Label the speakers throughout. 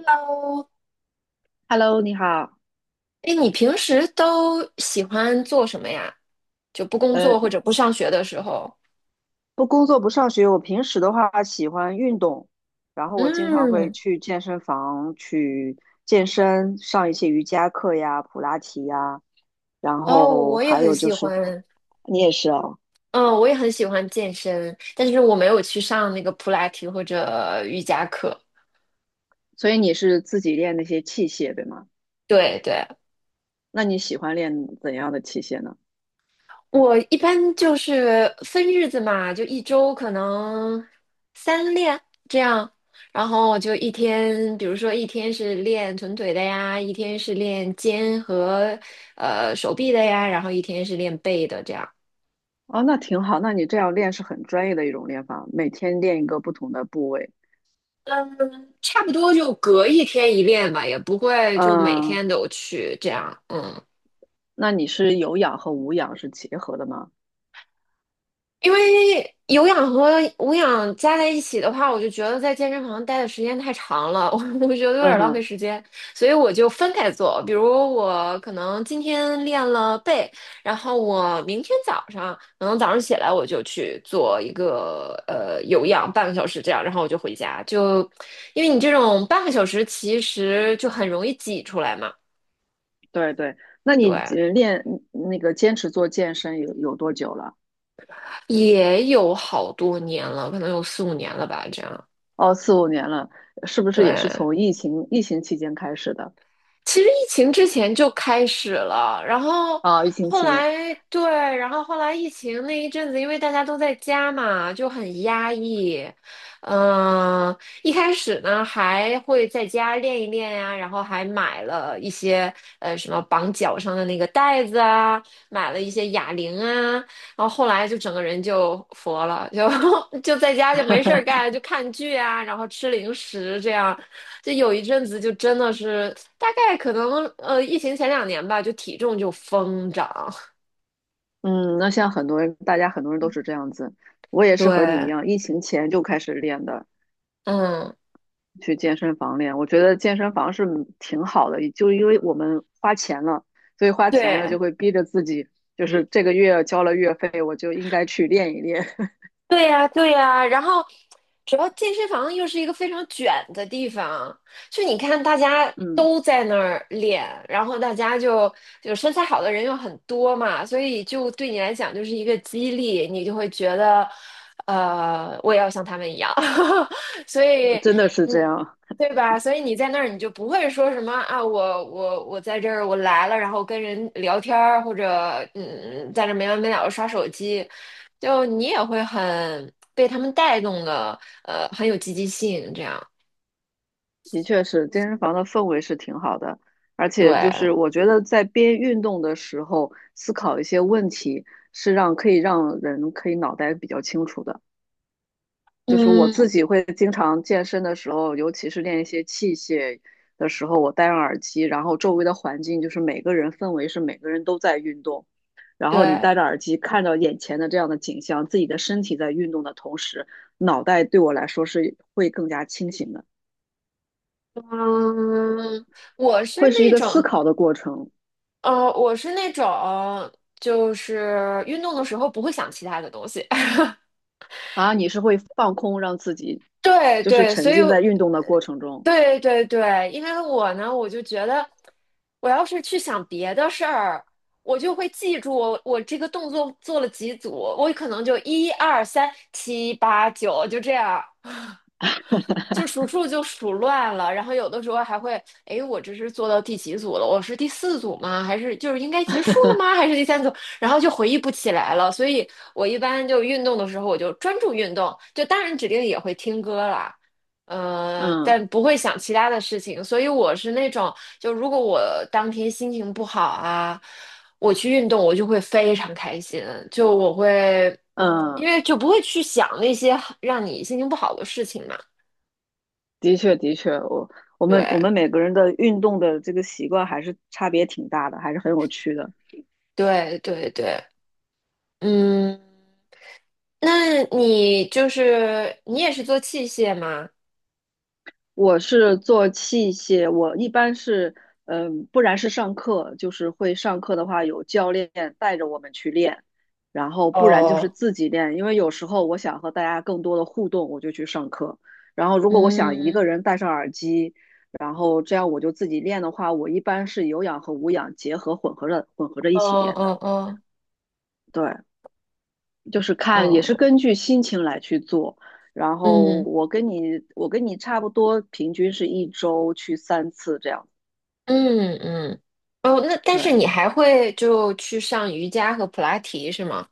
Speaker 1: 哦，
Speaker 2: Hello，你好。
Speaker 1: 哎，你平时都喜欢做什么呀？就不工
Speaker 2: 呃，
Speaker 1: 作或者不上学的时候？
Speaker 2: 不工作不上学，我平时的话喜欢运动，然后我经常会
Speaker 1: 嗯，
Speaker 2: 去健身房去健身，上一些瑜伽课呀、普拉提呀，然
Speaker 1: 哦，
Speaker 2: 后
Speaker 1: 我也
Speaker 2: 还
Speaker 1: 很
Speaker 2: 有就
Speaker 1: 喜
Speaker 2: 是，
Speaker 1: 欢，
Speaker 2: 你也是哦，
Speaker 1: 嗯，我也很喜欢健身，但是我没有去上那个普拉提或者瑜伽课。
Speaker 2: 所以你是自己练那些器械，对吗？
Speaker 1: 对对，
Speaker 2: 那你喜欢练怎样的器械呢？
Speaker 1: 我一般就是分日子嘛，就一周可能三练这样，然后我就一天，比如说一天是练臀腿的呀，一天是练肩和手臂的呀，然后一天是练背的这样。
Speaker 2: 哦，那挺好，那你这样练是很专业的一种练法，每天练一个不同的部位。
Speaker 1: 嗯，差不多就隔一天一练吧，也不会就每
Speaker 2: 嗯，
Speaker 1: 天都去这样。嗯
Speaker 2: 那你是有氧和无氧是结合的吗？
Speaker 1: 因为有氧和无氧加在一起的话，我就觉得在健身房待的时间太长了，我觉得有
Speaker 2: 嗯
Speaker 1: 点浪费
Speaker 2: 哼。
Speaker 1: 时间，所以我就分开做。比如我可能今天练了背，然后我明天早上可能早上起来我就去做一个有氧半个小时这样，然后我就回家。就因为你这种半个小时其实就很容易挤出来嘛，
Speaker 2: 对对，那你
Speaker 1: 对，
Speaker 2: 呃练嗯那个坚持做健身有多久了？
Speaker 1: 也有好多年了，可能有4、5年了吧，这样，
Speaker 2: 哦，4、5年了，是不是也是
Speaker 1: 对。
Speaker 2: 从疫情期间开始的？
Speaker 1: 其实疫情之前就开始了，然后
Speaker 2: 啊、疫情
Speaker 1: 后
Speaker 2: 期间，
Speaker 1: 来对，然后后来疫情那一阵子，因为大家都在家嘛，就很压抑。嗯，一开始呢还会在家练一练呀、然后还买了一些什么绑脚上的那个带子啊，买了一些哑铃啊，然后后来就整个人就佛了，就在家就没事儿干，就看剧啊，然后吃零食这样。就有一阵子就真的是，大概可能疫情前2年吧，就体重就疯涨。
Speaker 2: 嗯，那像很多人，大家很多人都是这样子，我 也是和你一
Speaker 1: 对，
Speaker 2: 样，疫情前就开始练的，
Speaker 1: 嗯，
Speaker 2: 去健身房练。我觉得健身房是挺好的，就因为我们花钱了，所以花钱了
Speaker 1: 对，
Speaker 2: 就会逼着自己，就是这个月交了月费，我就应该去练一练。
Speaker 1: 对呀，对呀，然后主要健身房又是一个非常卷的地方，就你看大家
Speaker 2: 嗯，
Speaker 1: 都在那儿练，然后大家就身材好的人又很多嘛，所以就对你来讲就是一个激励，你就会觉得，我也要像他们一样，所以，
Speaker 2: 真的是这
Speaker 1: 嗯，
Speaker 2: 样。
Speaker 1: 对吧？所以你在那儿你就不会说什么啊，我在这儿我来了，然后跟人聊天儿或者在这儿没完没了的刷手机。就你也会很被他们带动的，很有积极性，这样。
Speaker 2: 的确是，健身房的氛围是挺好的，而且就
Speaker 1: 对，
Speaker 2: 是我觉得在边运动的时候思考一些问题，是让可以让人可以脑袋比较清楚的。就是我
Speaker 1: 嗯，
Speaker 2: 自己会经常健身的时候，尤其是练一些器械的时候，我戴上耳机，然后周围的环境就是每个人氛围是每个人都在运动，然后你
Speaker 1: 对，
Speaker 2: 戴着耳机看到眼前的这样的景象，自己的身体在运动的同时，脑袋对我来说是会更加清醒的，
Speaker 1: 嗯，我是
Speaker 2: 会是一
Speaker 1: 那
Speaker 2: 个思
Speaker 1: 种，
Speaker 2: 考的过程。
Speaker 1: 我是那种，就是运动的时候不会想其他的东西。
Speaker 2: 啊，你是会放空，让自己
Speaker 1: 对
Speaker 2: 就是
Speaker 1: 对，所
Speaker 2: 沉
Speaker 1: 以
Speaker 2: 浸在运动的过程中。
Speaker 1: 对对对，因为我呢，我就觉得，我要是去想别的事儿，我就会记住我这个动作做了几组，我可能就1、2、3、7、8、9就这样，就数数就数乱了，然后有的时候还会，哎，我这是做到第几组了？我是第四组吗？还是就是应该结束了吗？还是第三组？然后就回忆不起来了。所以我一般就运动的时候，我就专注运动，就当然指定也会听歌啦，
Speaker 2: 嗯
Speaker 1: 但不会想其他的事情。所以我是那种，就如果我当天心情不好啊，我去运动，我就会非常开心，就我会，因
Speaker 2: 嗯，
Speaker 1: 为就不会去想那些让你心情不好的事情嘛。
Speaker 2: 的确的确，我我们我
Speaker 1: 对，
Speaker 2: 们每个人的运动的这个习惯还是差别挺大的，还是很有趣的。
Speaker 1: 对对对，嗯，那你就是你也是做器械吗？
Speaker 2: 我是做器械，我一般是，嗯，不然是上课，就是会上课的话有教练带着我们去练，然后不然就是
Speaker 1: 哦，
Speaker 2: 自己练，因为有时候我想和大家更多的互动，我就去上课。然后如果我想一
Speaker 1: 嗯，
Speaker 2: 个人戴上耳机，然后这样我就自己练的话，我一般是有氧和无氧结合混合着一
Speaker 1: 哦
Speaker 2: 起练的。
Speaker 1: 哦哦
Speaker 2: 对，就是看也是
Speaker 1: 哦，
Speaker 2: 根据心情来去做。然后
Speaker 1: 嗯
Speaker 2: 我跟你差不多，平均是一周去3次这样。
Speaker 1: 嗯嗯，哦，那但是
Speaker 2: 对，
Speaker 1: 你还会就去上瑜伽和普拉提是吗？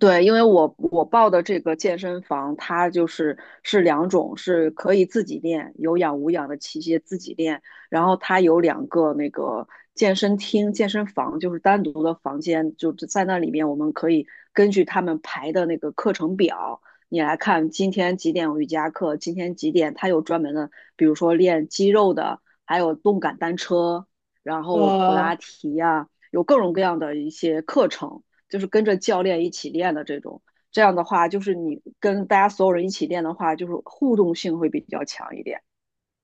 Speaker 2: 对，因为我报的这个健身房，它就是是两种，是可以自己练，有氧无氧的器械自己练，然后它有两个那个健身厅、健身房，就是单独的房间，就是在那里面我们可以根据他们排的那个课程表，你来看今天几点有瑜伽课，今天几点，它有专门的，比如说练肌肉的，还有动感单车，然后普拉
Speaker 1: 哦，
Speaker 2: 提呀、有各种各样的一些课程。就是跟着教练一起练的这种。这样的话，就是你跟大家所有人一起练的话，就是互动性会比较强一点。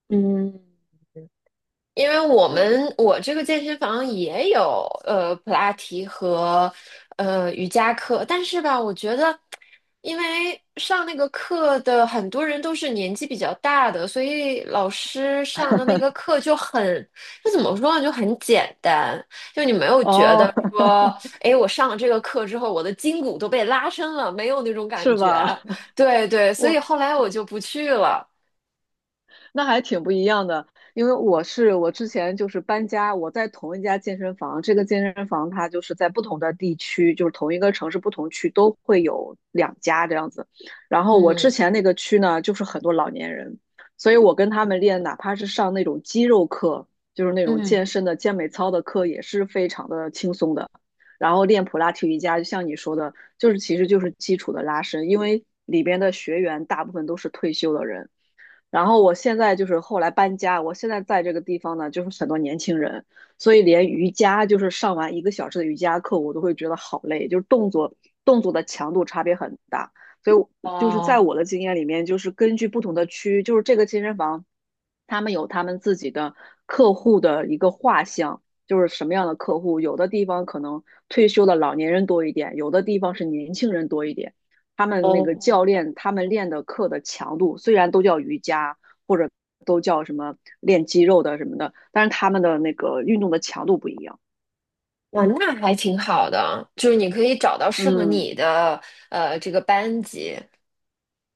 Speaker 1: 嗯。因为
Speaker 2: 对，
Speaker 1: 我这个健身房也有普拉提和瑜伽课，但是吧，我觉得，因为上那个课的很多人都是年纪比较大的，所以老师上的那个课就很，就怎么说呢，就很简单，就你没有觉得
Speaker 2: 哦，
Speaker 1: 说，哎，我上了这个课之后，我的筋骨都被拉伸了，没有那种感
Speaker 2: 是
Speaker 1: 觉。
Speaker 2: 吧？
Speaker 1: 对对，所以
Speaker 2: 我
Speaker 1: 后来我就不去了。
Speaker 2: 那还挺不一样的，因为我之前就是搬家，我在同一家健身房，这个健身房它就是在不同的地区，就是同一个城市不同区都会有两家这样子。然后我之
Speaker 1: 嗯
Speaker 2: 前那个区呢，就是很多老年人，所以我跟他们练，哪怕是上那种肌肉课，就是那种
Speaker 1: 嗯，
Speaker 2: 健身的健美操的课，也是非常的轻松的。然后练普拉提瑜伽，就像你说的，就是其实就是基础的拉伸，因为里边的学员大部分都是退休的人。然后我现在就是后来搬家，我现在在这个地方呢，就是很多年轻人，所以连瑜伽就是上完1个小时的瑜伽课，我都会觉得好累，就是动作的强度差别很大。所以我就是在
Speaker 1: 哦
Speaker 2: 我的经验里面，就是根据不同的区，就是这个健身房，他们有他们自己的客户的一个画像，就是什么样的客户，有的地方可能退休的老年人多一点，有的地方是年轻人多一点。他们那个教
Speaker 1: 哦。
Speaker 2: 练他们练的课的强度，虽然都叫瑜伽或者都叫什么练肌肉的什么的，但是他们的那个运动的强度不一样。
Speaker 1: 哇，那还挺好的，就是你可以找到适合
Speaker 2: 嗯，
Speaker 1: 你的这个班级。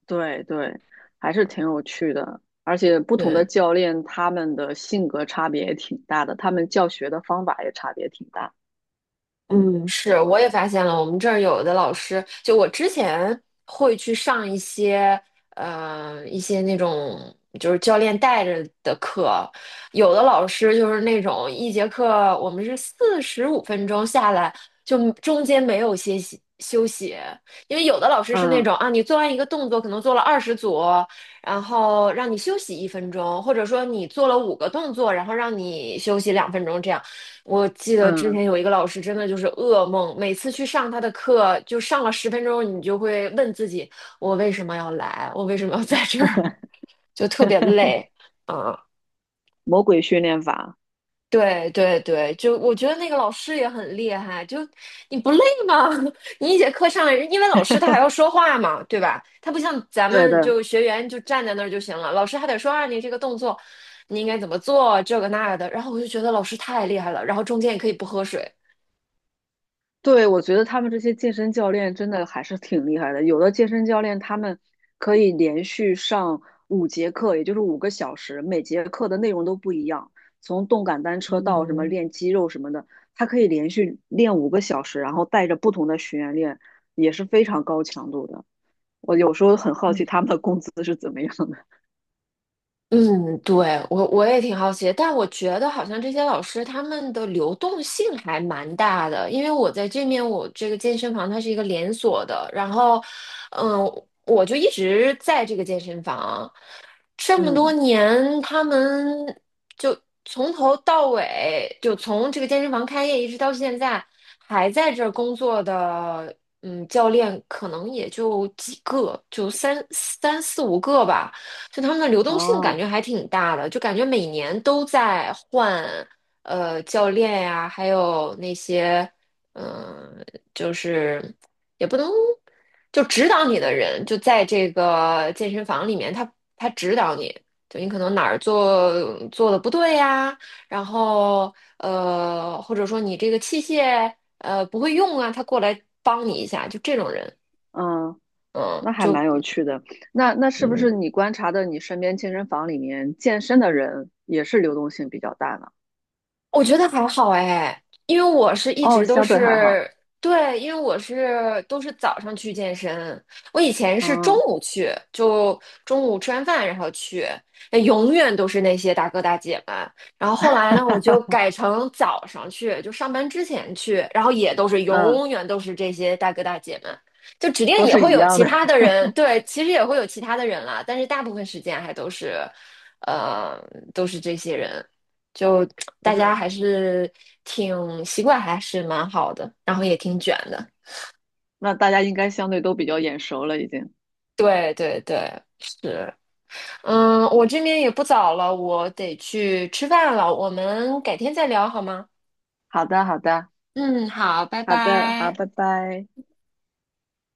Speaker 2: 对对，还是挺有趣的。而且不同
Speaker 1: 对，
Speaker 2: 的教练他们的性格差别也挺大的，他们教学的方法也差别挺大。
Speaker 1: 嗯，是，我也发现了，我们这儿有的老师，就我之前会去上一些，一些那种就是教练带着的课，有的老师就是那种一节课我们是45分钟下来，就中间没有休息，因为有的老师是那
Speaker 2: 嗯
Speaker 1: 种啊，你做完一个动作可能做了20组，然后让你休息1分钟，或者说你做了五个动作，然后让你休息2分钟这样。我记得之前
Speaker 2: 嗯，
Speaker 1: 有一个老师，真的就是噩梦，每次去上他的课，就上了10分钟，你就会问自己，我为什么要来？我为什么要在这儿？就特别 累。啊，
Speaker 2: 魔鬼训练法，
Speaker 1: 对对对，就我觉得那个老师也很厉害，就你不累吗？你一节课上来，因为老师他还 要说话嘛，对吧？他不像咱
Speaker 2: 对
Speaker 1: 们
Speaker 2: 对。
Speaker 1: 就学员就站在那儿就行了，老师还得说啊，你这个动作你应该怎么做，这个那个的。然后我就觉得老师太厉害了，然后中间也可以不喝水。
Speaker 2: 对，我觉得他们这些健身教练真的还是挺厉害的。有的健身教练他们可以连续上5节课，也就是五个小时，每节课的内容都不一样，从动感单车到什么
Speaker 1: 嗯
Speaker 2: 练肌肉什么的，他可以连续练五个小时，然后带着不同的学员练，也是非常高强度的。我有时候很好
Speaker 1: 嗯。
Speaker 2: 奇他们的工资是怎么样的。
Speaker 1: 嗯，对，我也挺好奇的但我觉得好像这些老师他们的流动性还蛮大的，因为我在这面我这个健身房它是一个连锁的，然后，嗯，我就一直在这个健身房，这么多
Speaker 2: 嗯，
Speaker 1: 年，他们就从头到尾，就从这个健身房开业一直到现在，还在这儿工作的，嗯，教练可能也就几个，就三四五个吧。就他们的流动性感
Speaker 2: 哦，
Speaker 1: 觉还挺大的，就感觉每年都在换，教练呀、还有那些，嗯、就是。也不能就指导你的人就在这个健身房里面，他指导你，就你可能哪儿做的不对呀，然后或者说你这个器械不会用啊，他过来帮你一下，就这种人，
Speaker 2: 嗯。
Speaker 1: 嗯，
Speaker 2: 那还
Speaker 1: 就
Speaker 2: 蛮有趣的。那是不是
Speaker 1: 嗯
Speaker 2: 你观察的你身边健身房里面健身的人也是流动性比较大呢？
Speaker 1: 我觉得还好哎，因为我是一
Speaker 2: 哦，
Speaker 1: 直都
Speaker 2: 相对还好。
Speaker 1: 是，对，因为我是都是早上去健身，我以前是中
Speaker 2: 嗯
Speaker 1: 午去，就中午吃完饭然后去，那永远都是那些大哥大姐们。然后后来呢，我就改成早上去，就上班之前去，然后也都是
Speaker 2: 嗯，
Speaker 1: 永远都是这些大哥大姐们，就指定
Speaker 2: 都
Speaker 1: 也
Speaker 2: 是
Speaker 1: 会
Speaker 2: 一
Speaker 1: 有
Speaker 2: 样
Speaker 1: 其
Speaker 2: 的，
Speaker 1: 他的人，对，其实也会有其他的人啦，但是大部分时间还都是，呃，都是这些人。就
Speaker 2: 都
Speaker 1: 大家
Speaker 2: 是。
Speaker 1: 还是挺习惯，还是蛮好的，然后也挺卷的。
Speaker 2: 那大家应该相对都比较眼熟了，已经。
Speaker 1: 对对对，是，嗯，我这边也不早了，我得去吃饭了，我们改天再聊好吗？
Speaker 2: 好的，好的，
Speaker 1: 嗯，好，拜
Speaker 2: 好的，好，
Speaker 1: 拜。
Speaker 2: 拜拜。